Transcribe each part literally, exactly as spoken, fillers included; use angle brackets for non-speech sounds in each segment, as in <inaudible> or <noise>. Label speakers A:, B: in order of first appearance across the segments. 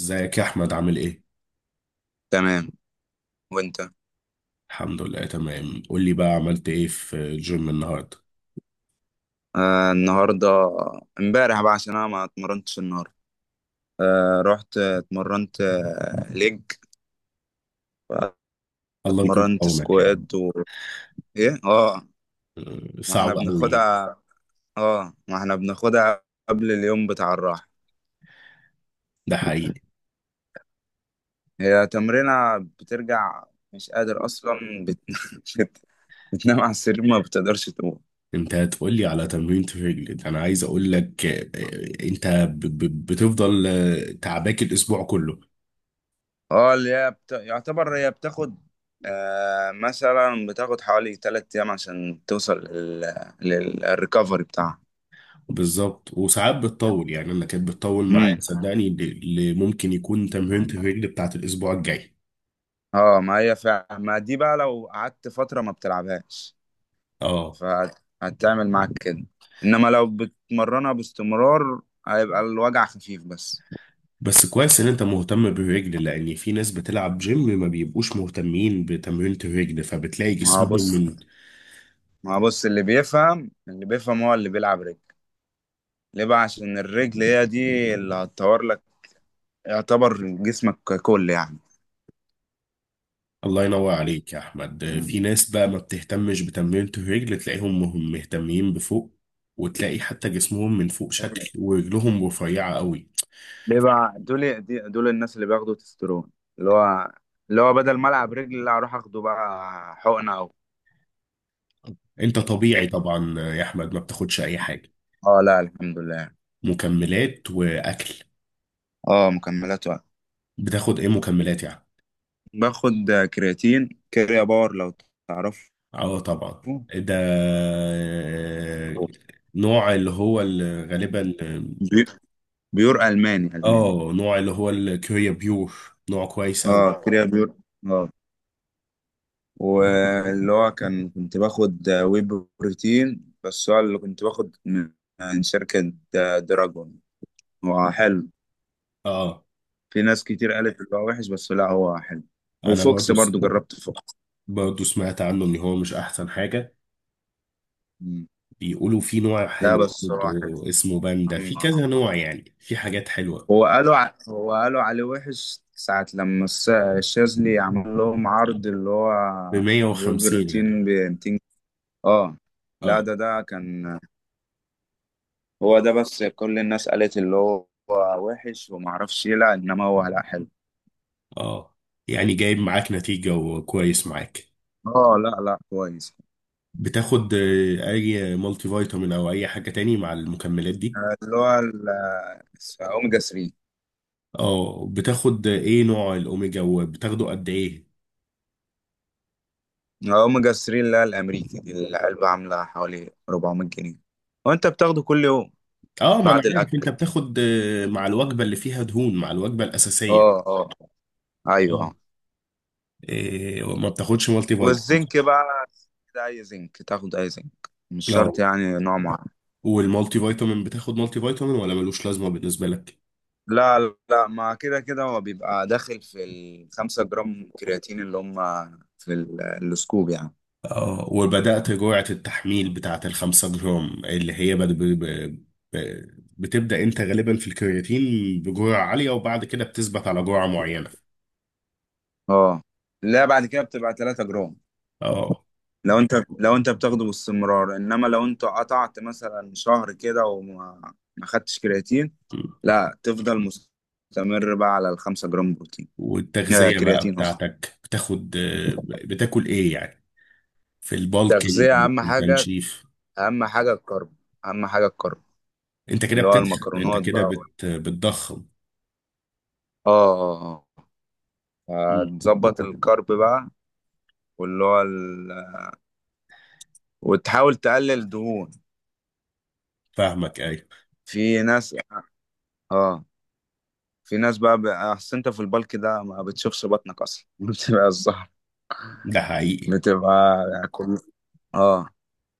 A: ازيك يا احمد، عامل ايه؟
B: تمام. وانت؟
A: الحمد لله تمام. قول لي بقى، عملت ايه في الجيم النهارده؟
B: آه، النهارده، امبارح بقى، عشان انا ما اتمرنتش النهارده. آه، رحت اتمرنت، آه ليج.
A: الله يكون في
B: اتمرنت
A: عونك يعني.
B: سكواد، و ايه اه ما
A: صعب
B: احنا
A: قوي.
B: بناخدها اه ما احنا بناخدها قبل اليوم بتاع الراحة.
A: ده حقيقي.
B: هي تمرينة بترجع، مش قادر اصلا، بت... <laughs> بت... بتنام على السرير ما بتقدرش تقوم.
A: انت هتقول لي على تمرين الرجل ده، انا عايز اقول لك آه، انت ب- ب- بتفضل آه، تعباك الاسبوع كله.
B: اه، اللي هي بت... يعتبر هي بتاخد، آه، مثلا بتاخد حوالي تلات أيام عشان توصل لل... للريكفري بتاعها.
A: بالظبط. وساعات بتطول يعني، انا كانت بتطول معايا
B: امم.
A: صدقني. ل- ل- ممكن يكون تمرين الرجل بتاعت الاسبوع الجاي.
B: اه، ما هي فعلا، ما دي بقى لو قعدت فترة ما بتلعبهاش
A: اه،
B: فهتعمل معاك كده، انما لو بتمرنها باستمرار هيبقى الوجع خفيف بس.
A: بس كويس ان انت مهتم بالرجل، لان في ناس بتلعب جيم ما بيبقوش مهتمين بتمرينة الرجل، فبتلاقي
B: ما هو
A: جسمهم
B: بص
A: من.
B: ما هو بص، اللي بيفهم اللي بيفهم هو اللي بيلعب رجل. ليه بقى؟ عشان الرجل هي دي اللي هتطور لك، يعتبر جسمك ككل.
A: الله ينور عليك يا احمد.
B: يعني
A: في ناس بقى ما بتهتمش بتمرينة الرجل، تلاقيهم مهم- مهتمين بفوق، وتلاقي حتى جسمهم من فوق شكل ورجلهم رفيعة قوي.
B: بيبقى دول، دي- دول الناس اللي بياخدوا تسترون، اللي هو اللي هو بدل ما العب رجل، لا، اروح اخده بقى حقنه او
A: انت طبيعي طبعا يا احمد، ما بتاخدش اي حاجة؟
B: اه، لا الحمد لله.
A: مكملات واكل.
B: اه، مكملات وقت.
A: بتاخد ايه مكملات يعني؟
B: باخد كرياتين، كريا باور لو تعرفه.
A: اه طبعا. ده نوع اللي هو اللي غالبا.
B: بي- بيور، الماني الماني.
A: اه، نوع اللي هو الكوريا بيور. نوع كويس قوي.
B: اه، كريا بيور. اه. واللي هو كان كنت باخد وي بروتين، بس هو اللي كنت باخد من من شركة دراجون. هو حلو.
A: اه،
B: في ناس كتير قالت اللي هو وحش، بس لا هو حلو.
A: انا
B: وفوكس
A: برضو س...
B: برضو، جربت فوكس.
A: برضو سمعت عنه ان هو مش احسن حاجة.
B: مم.
A: بيقولوا في نوع
B: لا،
A: حلو
B: بس هو حلو.
A: برضو اسمه باندا،
B: مم.
A: في كذا
B: <laughs>
A: نوع يعني، في حاجات حلوة.
B: هو قالوا ع... هو قالوا عليه وحش ساعة لما الس- الشاذلي عمل لهم عرض، اللي هو
A: ب
B: الويب
A: مئة وخمسين يعني؟
B: روتين ب مئتين. اه. لا،
A: اه
B: ده ده كان. هو ده، بس كل الناس قالت اللي هو وحش وما اعرفش ايه، لا، انما هو لا، حلو.
A: اه. يعني جايب معاك نتيجة وكويس معاك.
B: اه، لا لا، كويس.
A: بتاخد آه، اي مالتي فيتامين او اي حاجة تاني مع المكملات دي؟
B: آه، اللي هو ال- آه، اوميجا ثلاثة.
A: اه. بتاخد ايه نوع الاوميجا وبتاخده قد ايه؟
B: اوميجا ثلاثة اللي هي الامريكي دي، العلبه عامله حوالي اربعمية جنيه. وانت بتاخده كل يوم
A: اه، ما انا
B: بعد
A: عارف.
B: الاكل.
A: انت بتاخد آه، مع الوجبه اللي فيها دهون، مع الوجبه الاساسيه.
B: اه اه، ايوه،
A: اه.
B: اه.
A: إيه، ما بتاخدش مالتي فيتامين؟
B: والزنك بقى، ده اي زنك تاخد، اي زنك مش
A: اه.
B: شرط يعني نوع معين.
A: والمالتي فيتامين، بتاخد مالتي فيتامين ولا ملوش لازمه بالنسبه لك؟
B: لا لا، ما كده كده هو بيبقى داخل في الخمسة جرام كرياتين اللي هم في ال- السكوب يعني.
A: اه. وبدات جرعه التحميل بتاعه الخمسة جرام، اللي هي بد- ب- ب- ب- بتبدا انت غالبا في الكرياتين بجرعه عاليه، وبعد كده بتثبت على جرعه معينه.
B: اه، لا، بعد كده بتبقى 3 جرام،
A: اه.
B: لو انت لو انت بتاخده باستمرار، انما لو انت قطعت مثلا شهر كده وما ما خدتش كرياتين، لا، تفضل مستمر بقى على الخمسة جرام بروتين. آه
A: والتغذيه بقى
B: كرياتين اصلا.
A: بتاعتك، بتاخد آه، بتاكل ايه يعني؟ في البالكينج،
B: تغذية اهم
A: في
B: حاجة،
A: التنشيف.
B: اهم حاجة الكرب، اهم حاجة الكرب
A: انت كده
B: اللي هو
A: بتدخل انت
B: المكرونات
A: كده
B: بقى.
A: بت... بتضخم.
B: اه اه اه
A: مم.
B: هتظبط الكرب بقى. واللي هو ال... وتحاول تقلل دهون.
A: فاهمك، ايوه.
B: في ناس اه في ناس بقى، بقى- اصل انت في البلك ده ما بتشوفش بطنك اصلا، <laughs> بتبقى الظهر،
A: ده حقيقي.
B: بتبقى كل اه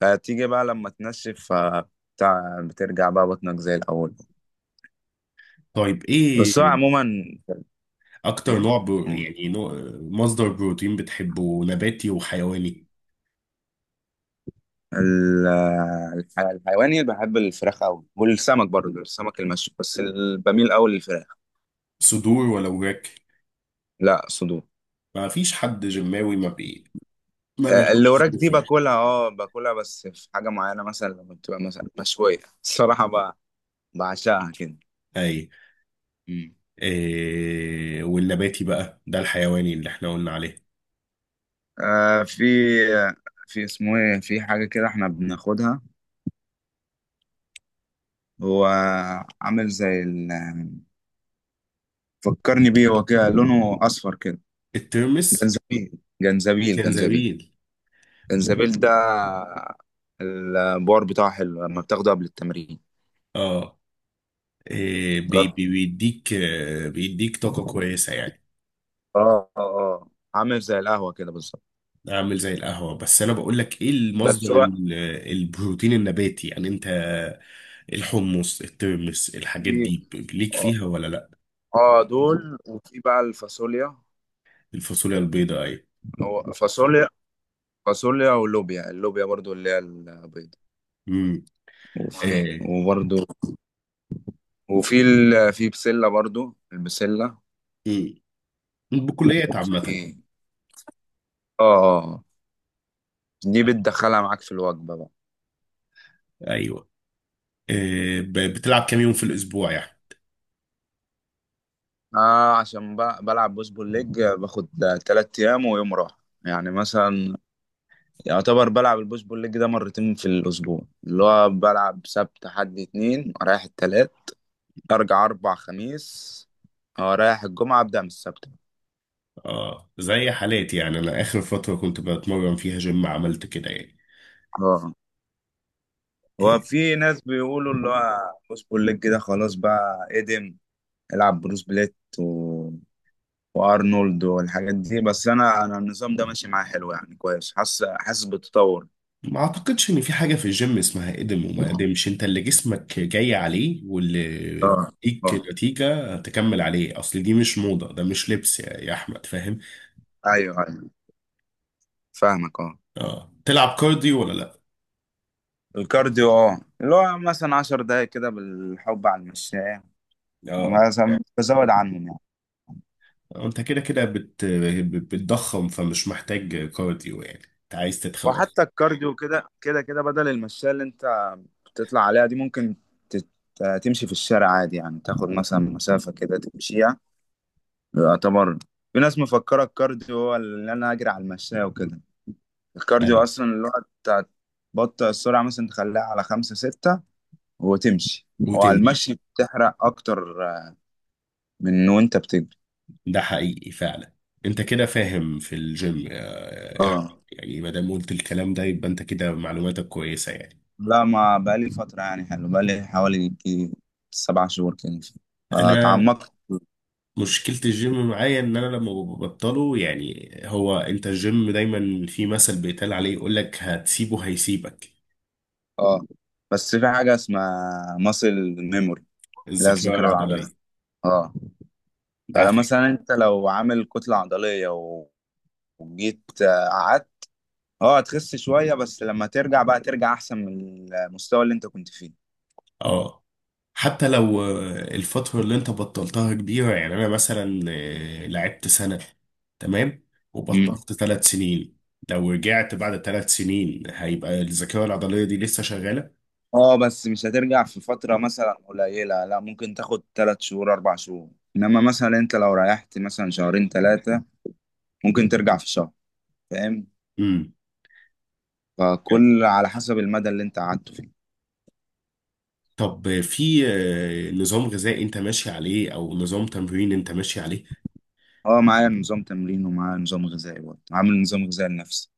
B: فتيجي بقى لما تنشف، ف- بتاع بترجع بقى بطنك زي الأول.
A: طيب، ايه
B: بس هو عموما،
A: اكتر
B: ايه.
A: نوع برو...
B: مم.
A: يعني نوع... مصدر بروتين بتحبه، نباتي وحيواني؟
B: ال- الح- الحيواني بحب الفراخ أوي، والسمك برضه السمك المشوي، بس ال- بميل أوي للفراخ.
A: صدور ولا وراك؟
B: لا، صدور.
A: ما فيش حد جماوي ما بي... ما
B: آه، اللي
A: بياخدش
B: وراك
A: صدور
B: دي
A: فراخ.
B: باكلها، اه باكلها بس في حاجة معينة، مثلا لما بتبقى مثلا مشوية، <laughs> الصراحة ب- بعشقها كده.
A: اي.
B: مم.
A: إيه، والنباتي بقى، ده الحيواني اللي احنا قلنا عليه.
B: آه، في. في اسمه ايه، في حاجة كده احنا بناخدها، هو عامل زي ال... فكرني بيه، هو كده لونه اصفر كده.
A: الترمس؟
B: جنزبيل جنزبيل، جنزبيل.
A: جنزبيل.
B: جنزبيل ده البار بتاعه حلو لما بتاخده قبل التمرين.
A: اه. إيه... بي...
B: جر-
A: بي... بيديك آه، بيديك طاقة كويسة يعني.
B: اه اه آه. عامل زي القهوة كده بالظبط.
A: اعمل زي القهوة، بس انا بقول لك ايه المصدر
B: بس هو
A: ال- البروتين النباتي يعني. انت الحمص، الترمس، الحاجات
B: في،
A: دي ب- ليك
B: اه
A: فيها ولا لا؟
B: آه، دول، وفي بقى الفاصوليا.
A: الفاصوليا البيضاء، ايوه.
B: هو فاصوليا، فاصوليا ولوبيا، اللوبيا برضو اللي هي البيضة.
A: امم.
B: وفي،
A: آه.
B: وبرضو. وفي ال... في بسلة برضو، البسلة.
A: مم. بكليات عامة.
B: وفي اه آه. دي بتدخلها معاك في الوجبة بقى.
A: ايوه. آه. ب- بتلعب كام يوم في الاسبوع يعني؟
B: آه، عشان بقى بلعب بوش بول ليج، باخد تلات أيام ويوم راحة. يعني مثلا يعتبر بلعب البوش بول ليج ده مرتين في الأسبوع، اللي هو بلعب سبت حد اتنين، رايح التلات، أرجع أربع خميس. اه، رايح الجمعة أبدأ من السبت.
A: اه، زي حالاتي يعني. انا اخر فترة كنت بتمرن فيها جيم عملت كده يعني.
B: اه، هو في ناس بيقولوا اللي هو بوش بول ليج ده خلاص بقى ادم، العب بروس بليت و... وارنولد والحاجات دي، بس انا، انا النظام ده ماشي معايا حلو يعني، كويس، حاسس حاسس بالتطور.
A: ما اعتقدش ان في حاجة في الجيم اسمها قدم وما قدمش. انت اللي جسمك جاي عليه، واللي
B: اه اه،
A: بيديك نتيجة تكمل عليه. اصل دي مش موضة، ده مش لبس يا يا احمد، فاهم؟
B: ايوه ايوه، فاهمك، اه.
A: اه. تلعب كارديو ولا لا؟
B: الكارديو، اه اللي هو مثلا عشر دقايق كده بالحب على المشاية،
A: اه.
B: مثلا بزود عنهم يعني.
A: انت كده كده بت... بتضخم، فمش محتاج كارديو يعني. انت عايز تتخن اصلا.
B: وحتى الكارديو، كده كده كده بدل المشاية اللي انت بتطلع عليها دي، ممكن تت- تمشي في الشارع عادي، يعني تاخد مثلا مسافة كده تمشيها. يعتبر في ناس مفكرة الكارديو هو اللي انا اجري على المشاية وكده. الكارديو
A: يعني
B: اصلا اللي هو بتاع- تبطئ السرعة، مثلا تخليها على خمسة ستة وتمشي، وعلى
A: وتمشي.
B: المشي بتحرق اكتر من وانت بتجري.
A: ده حقيقي فعلا. انت كده فاهم في الجيم يا يا احمد
B: اه،
A: يعني. ما دام قلت الكلام ده، يبقى انت كده معلوماتك كويسة يعني.
B: لا، ما بقالي فترة يعني، حلو، بقالي حوالي يجي سبع شهور كده،
A: انا
B: اتعمقت.
A: مشكلة الجيم معايا ان انا لما ببطله يعني، هو انت الجيم دايما في مثل بيتقال عليه، يقول لك هتسيبه هيسيبك.
B: اه، بس في حاجة اسمها ماسل ميموري، اللي هي
A: الذاكرة
B: الذاكرة العضلية.
A: العضلية.
B: اه.
A: ده
B: فلا
A: عافية.
B: مثلا انت لو عامل كتلة عضلية و- وجيت، آه، قعدت، اه هتخس شوية، بس لما ترجع بقى ترجع احسن من المستوى اللي انت كنت فيه.
A: اه، حتى لو آه، الفترة اللي انت بطلتها كبيرة يعني. انا مثلا آه، لعبت سنة، تمام، وبطلت ثلاث سنين. لو رجعت بعد ثلاث سنين، هيبقى الذاكرة العضلية دي لسه شغالة.
B: اه، بس مش هترجع في فترة مثلا قليلة، لا، ممكن تاخد تلات شهور أربع شهور. إنما مثلا أنت لو ريحت مثلا شهرين تلاتة ممكن ترجع في شهر، فاهم؟
A: امم.
B: فكل على حسب المدى اللي أنت قعدته فيه.
A: طب في آه، نظام غذائي انت ماشي عليه، او نظام تمرين انت ماشي عليه؟
B: اه، معايا نظام تمرين ومعايا نظام غذائي، برضه عامل نظام غذائي لنفسي.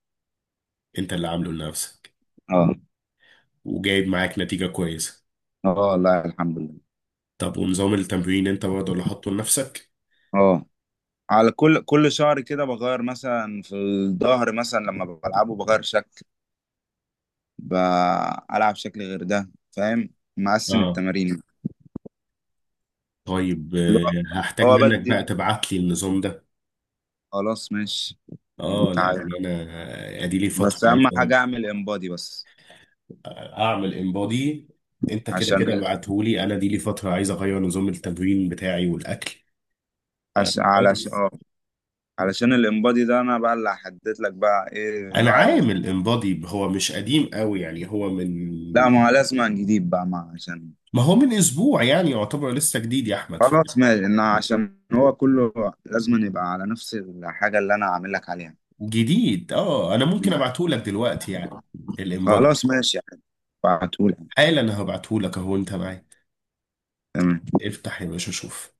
A: انت اللي عامله لنفسك؟
B: اه
A: وجايب معاك نتيجة كويسة.
B: اه، لا الحمد لله.
A: طب ونظام التمرين انت برضه اللي حاطه لنفسك؟
B: اه، على كل كل شهر كده بغير، مثلا في الظهر مثلا لما بلعبه بغير شكل، بلعب شكل غير ده، فاهم؟ مقسم
A: اه.
B: التمارين.
A: طيب
B: اللي
A: آه،
B: هو
A: هحتاج
B: هو
A: منك بقى
B: بدي،
A: تبعت لي النظام ده.
B: خلاص ماشي،
A: اه،
B: تعالى،
A: لان انا ادي لي فترة
B: بس
A: عايز
B: اهم حاجه اعمل انبادي بس.
A: اعمل انبادي. انت كده
B: عشان
A: كده
B: ال...
A: ابعتهولي. انا دي لي فترة عايز اغير نظام التمرين بتاعي والاكل. ف-
B: عش... علشان
A: كويس.
B: اه علشان الانبادي ده انا بقى اللي هحدد لك بقى ايه
A: انا
B: نوع ال...
A: عامل انبادي، هو مش قديم قوي يعني، هو من.
B: لا، ما هو لازم نجيب بقى ما عشان،
A: ما هو من اسبوع يعني، يعتبر لسه جديد يا احمد.
B: خلاص ماشي، إن عشان هو كله لازم يبقى على نفس الحاجه اللي انا عامل لك عليها.
A: جديد. اه انا ممكن
B: مم.
A: ابعته لك دلوقتي يعني؟ الانبادو.
B: خلاص ماشي يعني، بعتهولك،
A: حالا انا هبعته لك اهو، انت معايا.
B: تمام.
A: افتح يا باشا شوف.